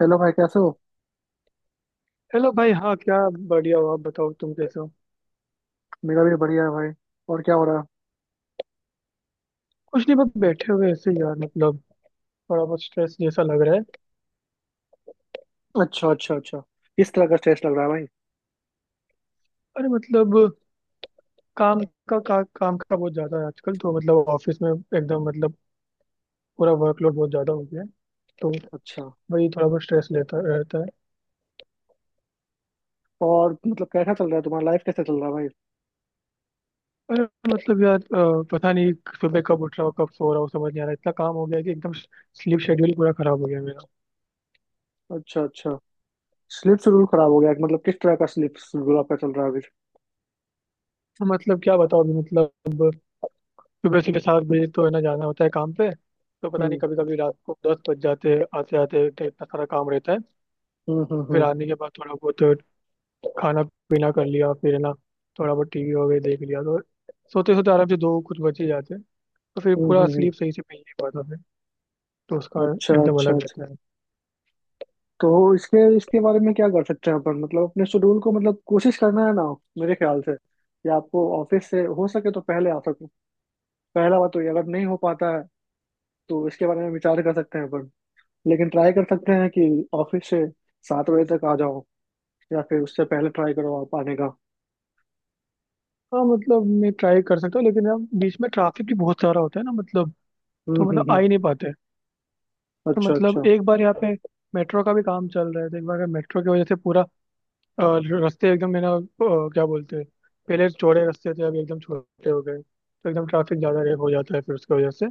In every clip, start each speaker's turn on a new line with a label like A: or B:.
A: Hello भाई, कैसे हो?
B: हेलो भाई। हाँ क्या? बढ़िया हो। आप बताओ तुम कैसे हो।
A: मेरा भी बढ़िया है भाई। और क्या हो रहा
B: कुछ नहीं, बस बैठे हुए ऐसे ही यार। मतलब थोड़ा बहुत स्ट्रेस जैसा लग रहा है।
A: है? अच्छा अच्छा अच्छा। इस तरह का स्ट्रेस लग रहा है भाई?
B: अरे मतलब काम काम का बहुत ज्यादा है आजकल तो। मतलब ऑफिस में एकदम, मतलब पूरा वर्कलोड बहुत ज्यादा हो गया है। तो
A: अच्छा।
B: वही थोड़ा बहुत स्ट्रेस लेता रहता है।
A: और मतलब कैसा चल रहा है तुम्हारा? लाइफ कैसा चल रहा है भाई?
B: अरे मतलब यार, पता नहीं। सुबह कब उठ रहा हूँ, कब सो रहा हूँ समझ नहीं आ रहा। इतना काम हो गया है कि एकदम स्लीप शेड्यूल पूरा खराब हो गया है मेरा।
A: अच्छा अच्छा। स्लीप शेड्यूल खराब हो गया है, मतलब किस तरह का स्लीप शेड्यूल आपका चल रहा है अभी?
B: तो मतलब क्या बताओ अभी। मतलब सुबह सीधे 7 बजे तो है ना, जाना होता है काम पे। तो पता नहीं,
A: हम्म।
B: कभी कभी रात को 10 बज जाते हैं आते आते, तो इतना सारा काम रहता है।
A: हम्म। हम्म।
B: फिर
A: हम्म।
B: आने के बाद थोड़ा बहुत खाना पीना कर लिया, फिर है ना थोड़ा बहुत टीवी वगैरह देख लिया, तो सोते सोते आराम से 2 कुछ बज ही जाते हैं। तो फिर
A: हम्म।
B: पूरा स्लीप सही से मिल नहीं पाता फिर। तो उसका
A: अच्छा
B: एकदम
A: अच्छा
B: अलग
A: अच्छा।
B: रहता है।
A: तो इसके इसके बारे में क्या कर सकते हैं अपन, मतलब अपने शेड्यूल को। मतलब कोशिश करना है ना, मेरे ख्याल से, कि आपको ऑफिस से हो सके तो पहले आ सको। पहला बात तो ये, अगर नहीं हो पाता है तो इसके बारे में विचार कर सकते हैं अपन। लेकिन ट्राई कर सकते हैं कि ऑफिस से 7 बजे तक आ जाओ, या फिर उससे पहले ट्राई करो आप आने का।
B: हाँ मतलब मैं ट्राई कर सकता हूँ, लेकिन यार बीच में ट्रैफिक भी बहुत सारा होता है ना मतलब। तो मतलब आ
A: हम्म।
B: ही नहीं पाते। तो
A: अच्छा
B: मतलब
A: अच्छा।
B: एक बार, यहाँ पे मेट्रो का भी काम चल रहा है, तो एक बार मेट्रो की वजह से पूरा अ, रास्ते एकदम है ना, क्या बोलते हैं, पहले चौड़े रास्ते थे अभी एकदम छोटे हो गए, तो एकदम ट्रैफिक ज़्यादा हो जाता है फिर उसकी वजह से।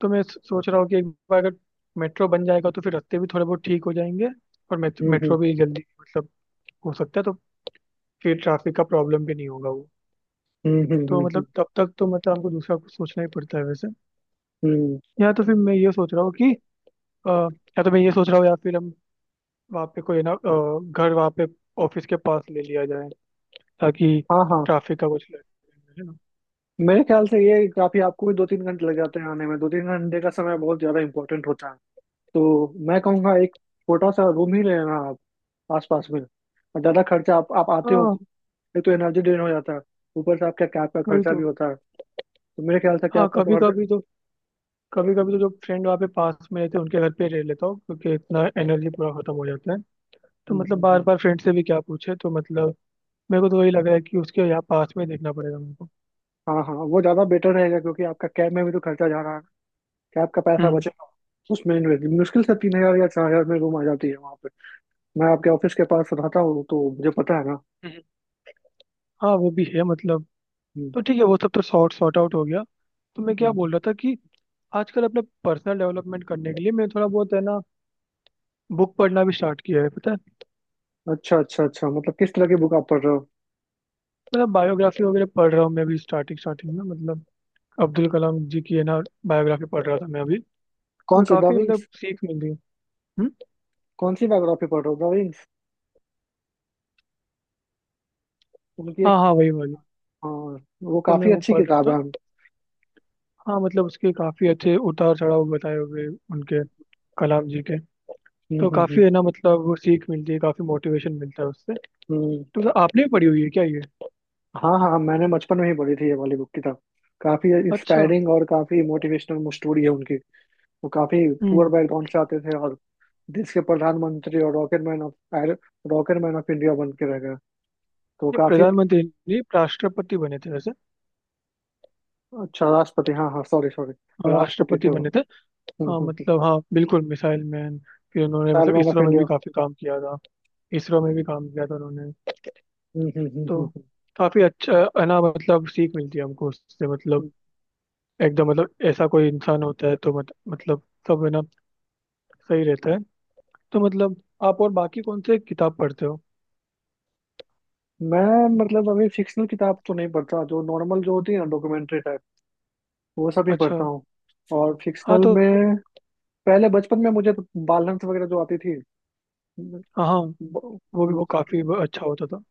B: तो मैं सोच रहा हूँ कि एक बार अगर मेट्रो बन जाएगा तो फिर रास्ते भी थोड़े बहुत ठीक हो जाएंगे, और
A: हम्म हम्म
B: मेट्रो भी जल्दी मतलब हो सकता है, तो फिर ट्रैफिक का प्रॉब्लम भी नहीं होगा वो।
A: हम्म हम्म हम्म
B: तो
A: हम्म,
B: मतलब तब तक तो मतलब हमको दूसरा कुछ सोचना ही पड़ता है वैसे।
A: हम्म।
B: या तो फिर मैं ये सोच रहा हूँ कि, या तो मैं ये सोच रहा हूँ, या फिर हम वहाँ पे कोई ना, घर वहाँ पे ऑफिस के पास ले लिया जाए, ताकि
A: हाँ हाँ,
B: ट्रैफिक का कुछ लगे है ना।
A: मेरे ख्याल से ये काफी, आपको भी 2-3 घंटे लग जाते हैं आने में। 2-3 घंटे का समय बहुत ज्यादा इंपॉर्टेंट होता है। तो मैं कहूँगा एक छोटा सा रूम ही ले लेना आप आसपास में। और ज्यादा खर्चा आप आते हो।
B: हाँ
A: एक तो एनर्जी ड्रेन हो जाता है, ऊपर से आपका कैब का
B: वही
A: खर्चा
B: तो।
A: भी होता है। तो मेरे ख्याल से
B: हाँ
A: कैब का तो हर।
B: कभी कभी तो जो फ्रेंड वहाँ पे पास में रहते हैं उनके घर पे रह लेता हूँ, क्योंकि इतना एनर्जी पूरा खत्म हो जाता है। तो मतलब बार
A: हम्म।
B: बार फ्रेंड से भी क्या पूछे, तो मतलब मेरे को तो वही लग रहा है कि उसके यहाँ पास में देखना पड़ेगा मेरे को।
A: हाँ हाँ, वो ज्यादा बेटर रहेगा क्योंकि आपका कैब में भी तो खर्चा जा रहा है। कैब का पैसा
B: हम्म,
A: बचेगा, उसमें इन्वेस्ट। मुश्किल से 3,000 या 4,000 में रूम आ जाती है वहाँ पे। मैं आपके ऑफिस के पास रहता हूँ तो मुझे पता है ना।
B: हम्म। हाँ वो भी है मतलब।
A: हम्म,
B: तो ठीक है, वो सब तो सॉर्ट सॉर्ट आउट हो गया। तो मैं क्या बोल
A: हम्म।
B: रहा था कि आजकल अपने पर्सनल डेवलपमेंट करने के लिए मैं थोड़ा बहुत, है ना, बुक पढ़ना भी स्टार्ट किया है पता है।
A: अच्छा अच्छा अच्छा, मतलब किस तरह की बुक आप पढ़ रहे हो?
B: मतलब बायोग्राफी वगैरह पढ़ रहा हूँ मैं अभी स्टार्टिंग स्टार्टिंग में। मतलब अब्दुल कलाम जी की, है ना, बायोग्राफी पढ़ रहा था मैं अभी।
A: कौन
B: और
A: सी? द
B: काफी मतलब
A: विंग्स?
B: सीख मिली। हम्म।
A: कौन सी बायोग्राफी पढ़ रहे हो? द विंग्स, उनकी
B: हाँ
A: एक?
B: हाँ, वही वाली।
A: हाँ। वो
B: तो मैं
A: काफी
B: वो
A: अच्छी
B: पढ़ रहा
A: किताब है।
B: था। हाँ मतलब उसके काफी अच्छे उतार चढ़ाव बताए हुए, उनके, कलाम जी के। तो
A: हम्म।
B: काफी, है ना, मतलब वो सीख मिलती है, काफी मोटिवेशन मिलता है उससे।
A: हम्म।
B: तो मतलब आपने भी पढ़ी हुई है क्या ये?
A: हाँ हाँ, मैंने बचपन में ही पढ़ी थी ये वाली बुक, किताब। काफी
B: अच्छा।
A: इंस्पायरिंग और काफी मोटिवेशनल स्टोरी है उनकी। वो काफी पुअर
B: हम्म।
A: बैकग्राउंड से आते थे, और देश के प्रधानमंत्री और rocket man of, rocket man of India बन के रह गए। तो वो
B: ये
A: काफी।
B: प्रधानमंत्री नहीं, राष्ट्रपति बने थे वैसे।
A: अच्छा, राष्ट्रपति, हाँ हाँ, सॉरी सॉरी।
B: हाँ,
A: राष्ट्रपति
B: राष्ट्रपति
A: थे वो।
B: बने थे। हाँ
A: हम्म।
B: मतलब, हाँ बिल्कुल मिसाइल मैन। फिर उन्होंने मतलब
A: चाइल्डमैन ऑफ
B: इसरो में भी
A: इंडिया।
B: काफी काम किया था। इसरो में भी काम किया था उन्होंने।
A: हम्म, हम्म, हम्म, हम्म,
B: तो
A: हम्म।
B: काफी अच्छा, है ना, मतलब सीख मिलती है हमको उससे मतलब,
A: हम्म।
B: एकदम मतलब। ऐसा कोई इंसान होता है तो मत, मतलब सब, है ना, सही रहता है। तो मतलब आप और बाकी कौन से किताब पढ़ते हो?
A: मैं मतलब अभी फिक्शनल किताब तो नहीं पढ़ता। जो नॉर्मल जो होती है ना, डॉक्यूमेंट्री टाइप, वो सब ही पढ़ता
B: अच्छा।
A: हूँ। और
B: हाँ
A: फिक्शनल
B: तो।
A: में पहले बचपन में मुझे तो बाल हंस वगैरह जो आती थी,
B: हाँ हाँ,
A: वो
B: वो भी
A: वो
B: वो
A: सब।
B: काफी अच्छा होता था।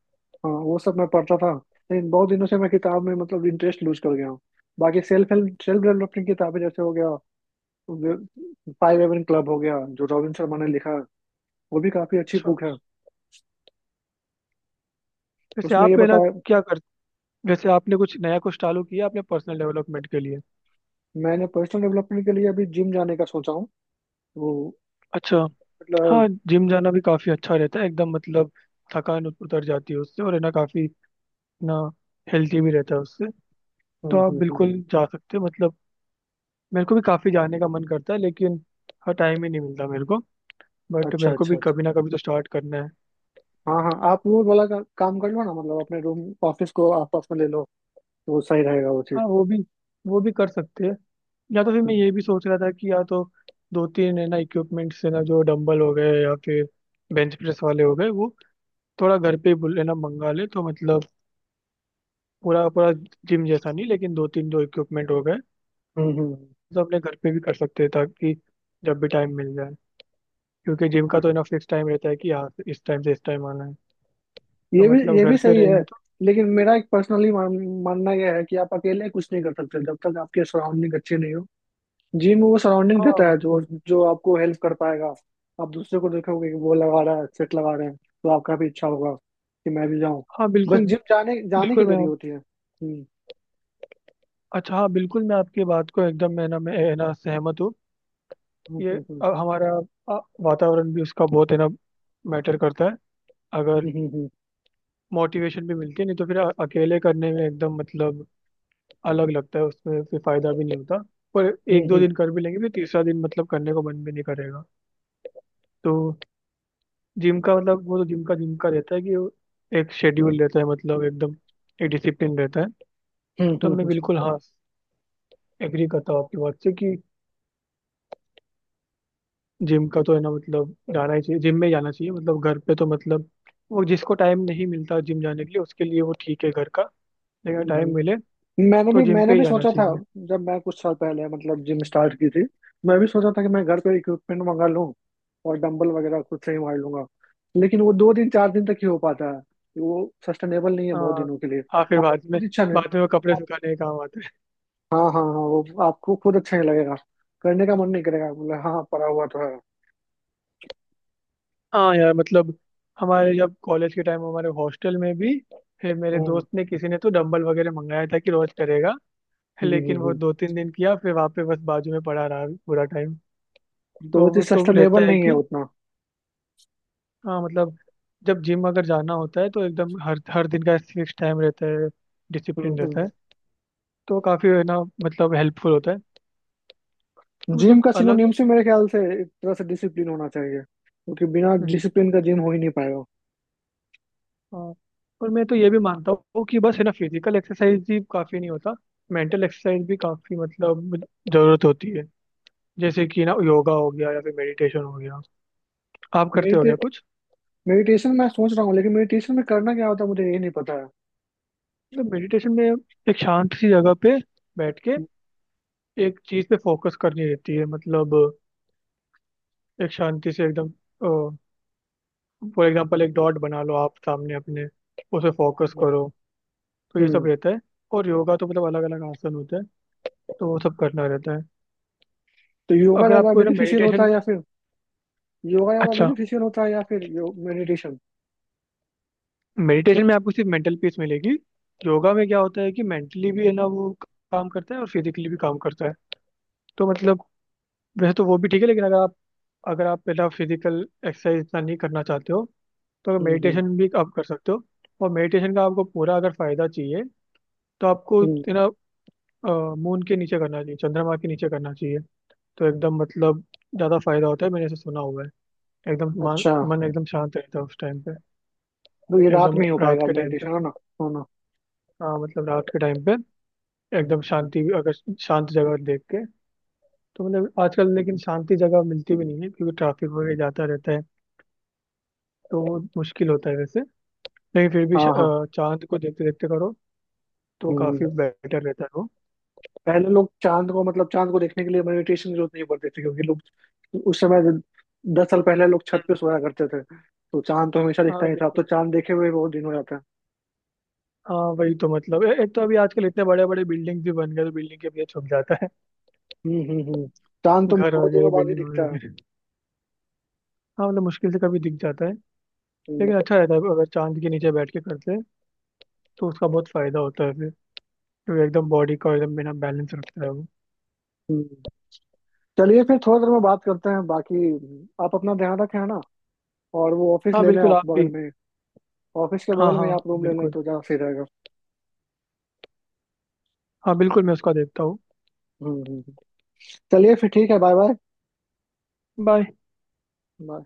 A: हाँ वो सब मैं पढ़ता था। लेकिन बहुत दिनों से मैं किताब में मतलब इंटरेस्ट लूज कर गया हूँ। बाकी सेल्फ हेल्प, सेल्फ डेवलपमेंट की किताबें, जैसे हो गया फाइव एवन क्लब हो गया, जो रॉबिन शर्मा ने लिखा, वो भी काफी अच्छी
B: अच्छा।
A: बुक है।
B: वैसे
A: उसमें ये
B: आप है ना
A: बताया।
B: क्या कर वैसे आपने कुछ नया कुछ चालू किया अपने पर्सनल डेवलपमेंट के लिए?
A: मैंने पर्सनल डेवलपमेंट के लिए अभी जिम जाने का सोचा हूँ। वो
B: अच्छा। हाँ
A: मतलब।
B: जिम जाना भी काफी अच्छा रहता है, एकदम मतलब। थकान उतर जाती है उससे, और है ना काफी, ना, हेल्थी भी रहता है उससे। तो
A: हम्म,
B: आप
A: हम्म, हम्म।
B: बिल्कुल जा सकते हो मतलब। मेरे को भी काफी जाने का मन करता है, लेकिन हाँ टाइम ही नहीं मिलता मेरे को। बट
A: अच्छा
B: मेरे को
A: अच्छा
B: भी
A: अच्छा।
B: कभी ना कभी तो स्टार्ट करना है।
A: हाँ हाँ, आप वो वाला काम कर लो ना, मतलब अपने रूम ऑफिस को आसपास में ले लो। तो वो सही रहेगा, वो चीज।
B: हाँ, वो भी कर सकते हैं। या तो फिर मैं
A: हम्म
B: ये भी सोच रहा था कि या तो दो तीन, है ना, इक्विपमेंट्स, है ना, जो डंबल हो गए या फिर बेंच प्रेस वाले हो गए, वो थोड़ा घर पे ही है ना मंगा ले, तो मतलब पूरा पूरा जिम जैसा नहीं, लेकिन दो तीन जो इक्विपमेंट हो गए।
A: हम्म। हम्म।
B: तो अपने घर पे भी कर सकते हैं, ताकि जब भी टाइम मिल जाए। क्योंकि जिम का तो है ना फिक्स टाइम रहता है कि यहाँ से इस टाइम आना है, तो
A: ये भी
B: मतलब
A: ये भी
B: घर पे
A: सही है।
B: रहेंगे तो।
A: लेकिन मेरा एक पर्सनली मानना यह है कि आप अकेले कुछ नहीं कर सकते जब तक आपके सराउंडिंग अच्छे नहीं हो। जिम में वो सराउंडिंग
B: हाँ
A: रहता है जो,
B: बिल्कुल।
A: जो आपको हेल्प कर पाएगा। आप दूसरे को देखोगे कि वो लगा रहा है, सेट लगा रहे हैं, तो आपका भी इच्छा होगा कि मैं भी जाऊं।
B: हाँ
A: बस
B: बिल्कुल।
A: जिम जाने जाने की
B: बिल्कुल मैं।
A: देरी होती है। हम्म।
B: अच्छा, हाँ बिल्कुल, मैं आपकी बात को एकदम, मैं ना, मैं, है ना, सहमत हूँ।
A: हम्म
B: ये
A: हम्म
B: हमारा, वातावरण भी उसका बहुत, है ना, मैटर करता है। अगर
A: हम्म हम्म
B: मोटिवेशन भी मिलती है, नहीं तो फिर अकेले करने में एकदम मतलब अलग लगता है, उसमें फिर फायदा भी नहीं होता। पर एक दो
A: हम्म
B: दिन कर भी लेंगे, फिर तीसरा दिन मतलब करने को मन भी नहीं करेगा। तो जिम का मतलब, वो तो जिम का रहता है कि वो एक शेड्यूल रहता है, मतलब एकदम एक डिसिप्लिन रहता है।
A: हम्म
B: तो मैं
A: हम्म
B: बिल्कुल हाँ एग्री करता हूँ आपकी बात से कि जिम का तो, है ना, मतलब जाना ही चाहिए, जिम में जाना चाहिए, मतलब घर पे तो मतलब, वो जिसको टाइम नहीं मिलता जिम जाने के लिए, उसके लिए वो ठीक है घर का, लेकिन टाइम
A: हम्म।
B: मिले
A: मैंने
B: तो
A: भी
B: जिम पे
A: मैंने
B: ही
A: भी
B: जाना
A: सोचा था,
B: चाहिए।
A: जब मैं कुछ साल पहले मतलब जिम स्टार्ट की थी। मैं भी सोचा था कि मैं घर पे इक्विपमेंट मंगा लूँ और डंबल वगैरह खुद से ही मार लूंगा। लेकिन वो 2 दिन, 4 दिन तक ही हो पाता है। वो सस्टेनेबल नहीं है बहुत
B: हाँ
A: दिनों के लिए।
B: हाँ, फिर
A: आप
B: बाद में
A: खुद इच्छा नहीं।
B: बाद में वो कपड़े
A: आप-
B: सुखाने का काम आता है।
A: हाँ हाँ हाँ, वो आपको खुद अच्छा नहीं लगेगा। करने का मन नहीं करेगा, बोले हाँ पड़ा हुआ तो है।
B: हाँ यार मतलब, हमारे जब कॉलेज के टाइम हमारे हॉस्टल में भी, फिर मेरे
A: हम्म
B: दोस्त ने, किसी ने तो डंबल वगैरह मंगाया था कि रोज करेगा,
A: हम्म
B: लेकिन
A: हम्म,
B: वो
A: हम्म।
B: दो तीन दिन किया फिर वहाँ पे बस बाजू में पड़ा रहा पूरा टाइम।
A: हम्म। तो वो
B: तो
A: चीज
B: वो तो
A: सस्टेनेबल
B: रहता है
A: नहीं है
B: कि
A: उतना।
B: हाँ मतलब, जब जिम अगर जाना होता है तो एकदम हर हर दिन का फिक्स टाइम रहता है, डिसिप्लिन रहता है, तो काफ़ी, है ना, मतलब हेल्पफुल होता है, तो
A: जिम
B: मतलब
A: का
B: अलग।
A: सिनोनिम से मेरे ख्याल से एक तरह से डिसिप्लिन होना चाहिए, क्योंकि बिना
B: हम्म।
A: डिसिप्लिन का जिम हो ही नहीं।
B: हाँ, और मैं तो ये भी मानता हूँ कि बस, है ना, फिजिकल एक्सरसाइज ही काफ़ी नहीं होता, मेंटल एक्सरसाइज भी काफ़ी मतलब ज़रूरत होती है। जैसे कि ना योगा हो गया या फिर मेडिटेशन हो गया, आप करते हो
A: मेडिटे
B: गया कुछ?
A: मेडिटेशन मैं सोच रहा हूँ, लेकिन मेडिटेशन में करना क्या होता है मुझे ये नहीं पता है।
B: मतलब मेडिटेशन में एक शांत सी जगह पे बैठ के एक चीज़ पे फोकस करनी रहती है मतलब, एक शांति से एकदम। फॉर एग्जाम्पल, एक डॉट बना लो आप सामने अपने, उस पे फोकस करो, तो ये सब
A: हम्म।
B: रहता है। और योगा तो मतलब अलग अलग आसन होते हैं, तो वो सब करना रहता है।
A: तो योगा
B: अगर
A: ज्यादा
B: आपको है ना
A: बेनिफिशियल
B: मेडिटेशन
A: होता
B: में।
A: है या फिर योगा ज्यादा
B: अच्छा।
A: बेनिफिशियल होता है या फिर यो मेडिटेशन?
B: मेडिटेशन में आपको सिर्फ मेंटल पीस मिलेगी। योगा में क्या होता है कि मेंटली भी, है ना, वो काम करता है, और फिजिकली भी काम करता है। तो मतलब वैसे तो वो भी ठीक है, लेकिन अगर आप पहला फिजिकल एक्सरसाइज इतना नहीं करना चाहते हो, तो
A: हम्म हम्म
B: मेडिटेशन भी आप कर सकते हो। और मेडिटेशन का आपको पूरा अगर फायदा चाहिए, तो आपको
A: हम्म।
B: है ना मून के नीचे करना चाहिए, चंद्रमा के नीचे करना चाहिए। तो एकदम मतलब ज़्यादा फायदा होता है, मैंने ऐसे सुना हुआ है। एकदम मन,
A: अच्छा।
B: मन एकदम शांत रहता है उस टाइम पे।
A: तो ये रात
B: एकदम
A: में ही हो
B: रात
A: पाएगा
B: के टाइम पे।
A: मेडिटेशन, है ना? है ना?
B: हाँ मतलब रात के टाइम पे एकदम,
A: हम्म।
B: शांति भी अगर शांत जगह देख के। तो मतलब आजकल लेकिन शांति जगह मिलती भी नहीं है, क्योंकि ट्रैफिक वगैरह जाता रहता है, तो वो मुश्किल होता है वैसे। लेकिन फिर भी
A: हाँ हाँ।
B: चांद को देखते देखते करो तो काफ़ी
A: हम्म।
B: बेटर रहता है वो।
A: पहले लोग चांद को, मतलब चांद को देखने के लिए मेडिटेशन की जरूरत नहीं पड़ती थी, क्योंकि लोग उस समय, 10 साल पहले लोग छत
B: हम्म।
A: पे सोया करते थे। तो चांद तो हमेशा दिखता
B: हाँ
A: ही था, अब
B: बिल्कुल।
A: तो चांद देखे हुए बहुत दिन हो जाता है।
B: हाँ वही तो मतलब, एक तो अभी आजकल इतने बड़े बड़े बिल्डिंग भी बन गए, तो बिल्डिंग के पीछे छुप जाता है,
A: हम्म। चांद तो
B: घर
A: बहुत
B: वगैरह,
A: दिनों बाद ही
B: बिल्डिंग
A: दिखता है।
B: वगैरह। हाँ मतलब मुश्किल से कभी दिख जाता है।
A: हम्म,
B: लेकिन अच्छा रहता है अगर चांद के नीचे बैठ के करते हैं, तो उसका बहुत फायदा होता है फिर, क्योंकि एकदम बॉडी का एकदम बिना बैलेंस रखता है वो।
A: हम्म। चलिए फिर थोड़ी देर में बात करते हैं बाकी। आप अपना ध्यान रखें, है ना। और वो ऑफिस
B: हाँ
A: ले लें
B: बिल्कुल,
A: आप
B: आप
A: बगल
B: भी।
A: में। ऑफिस के
B: हाँ
A: बगल में ही
B: हाँ
A: आप रूम ले लें
B: बिल्कुल।
A: तो ज़्यादा सही रहेगा।
B: हाँ बिल्कुल, मैं उसका देखता हूँ।
A: हम्म हम्म, हम्म। चलिए फिर, ठीक है, बाय।
B: बाय।
A: बाय।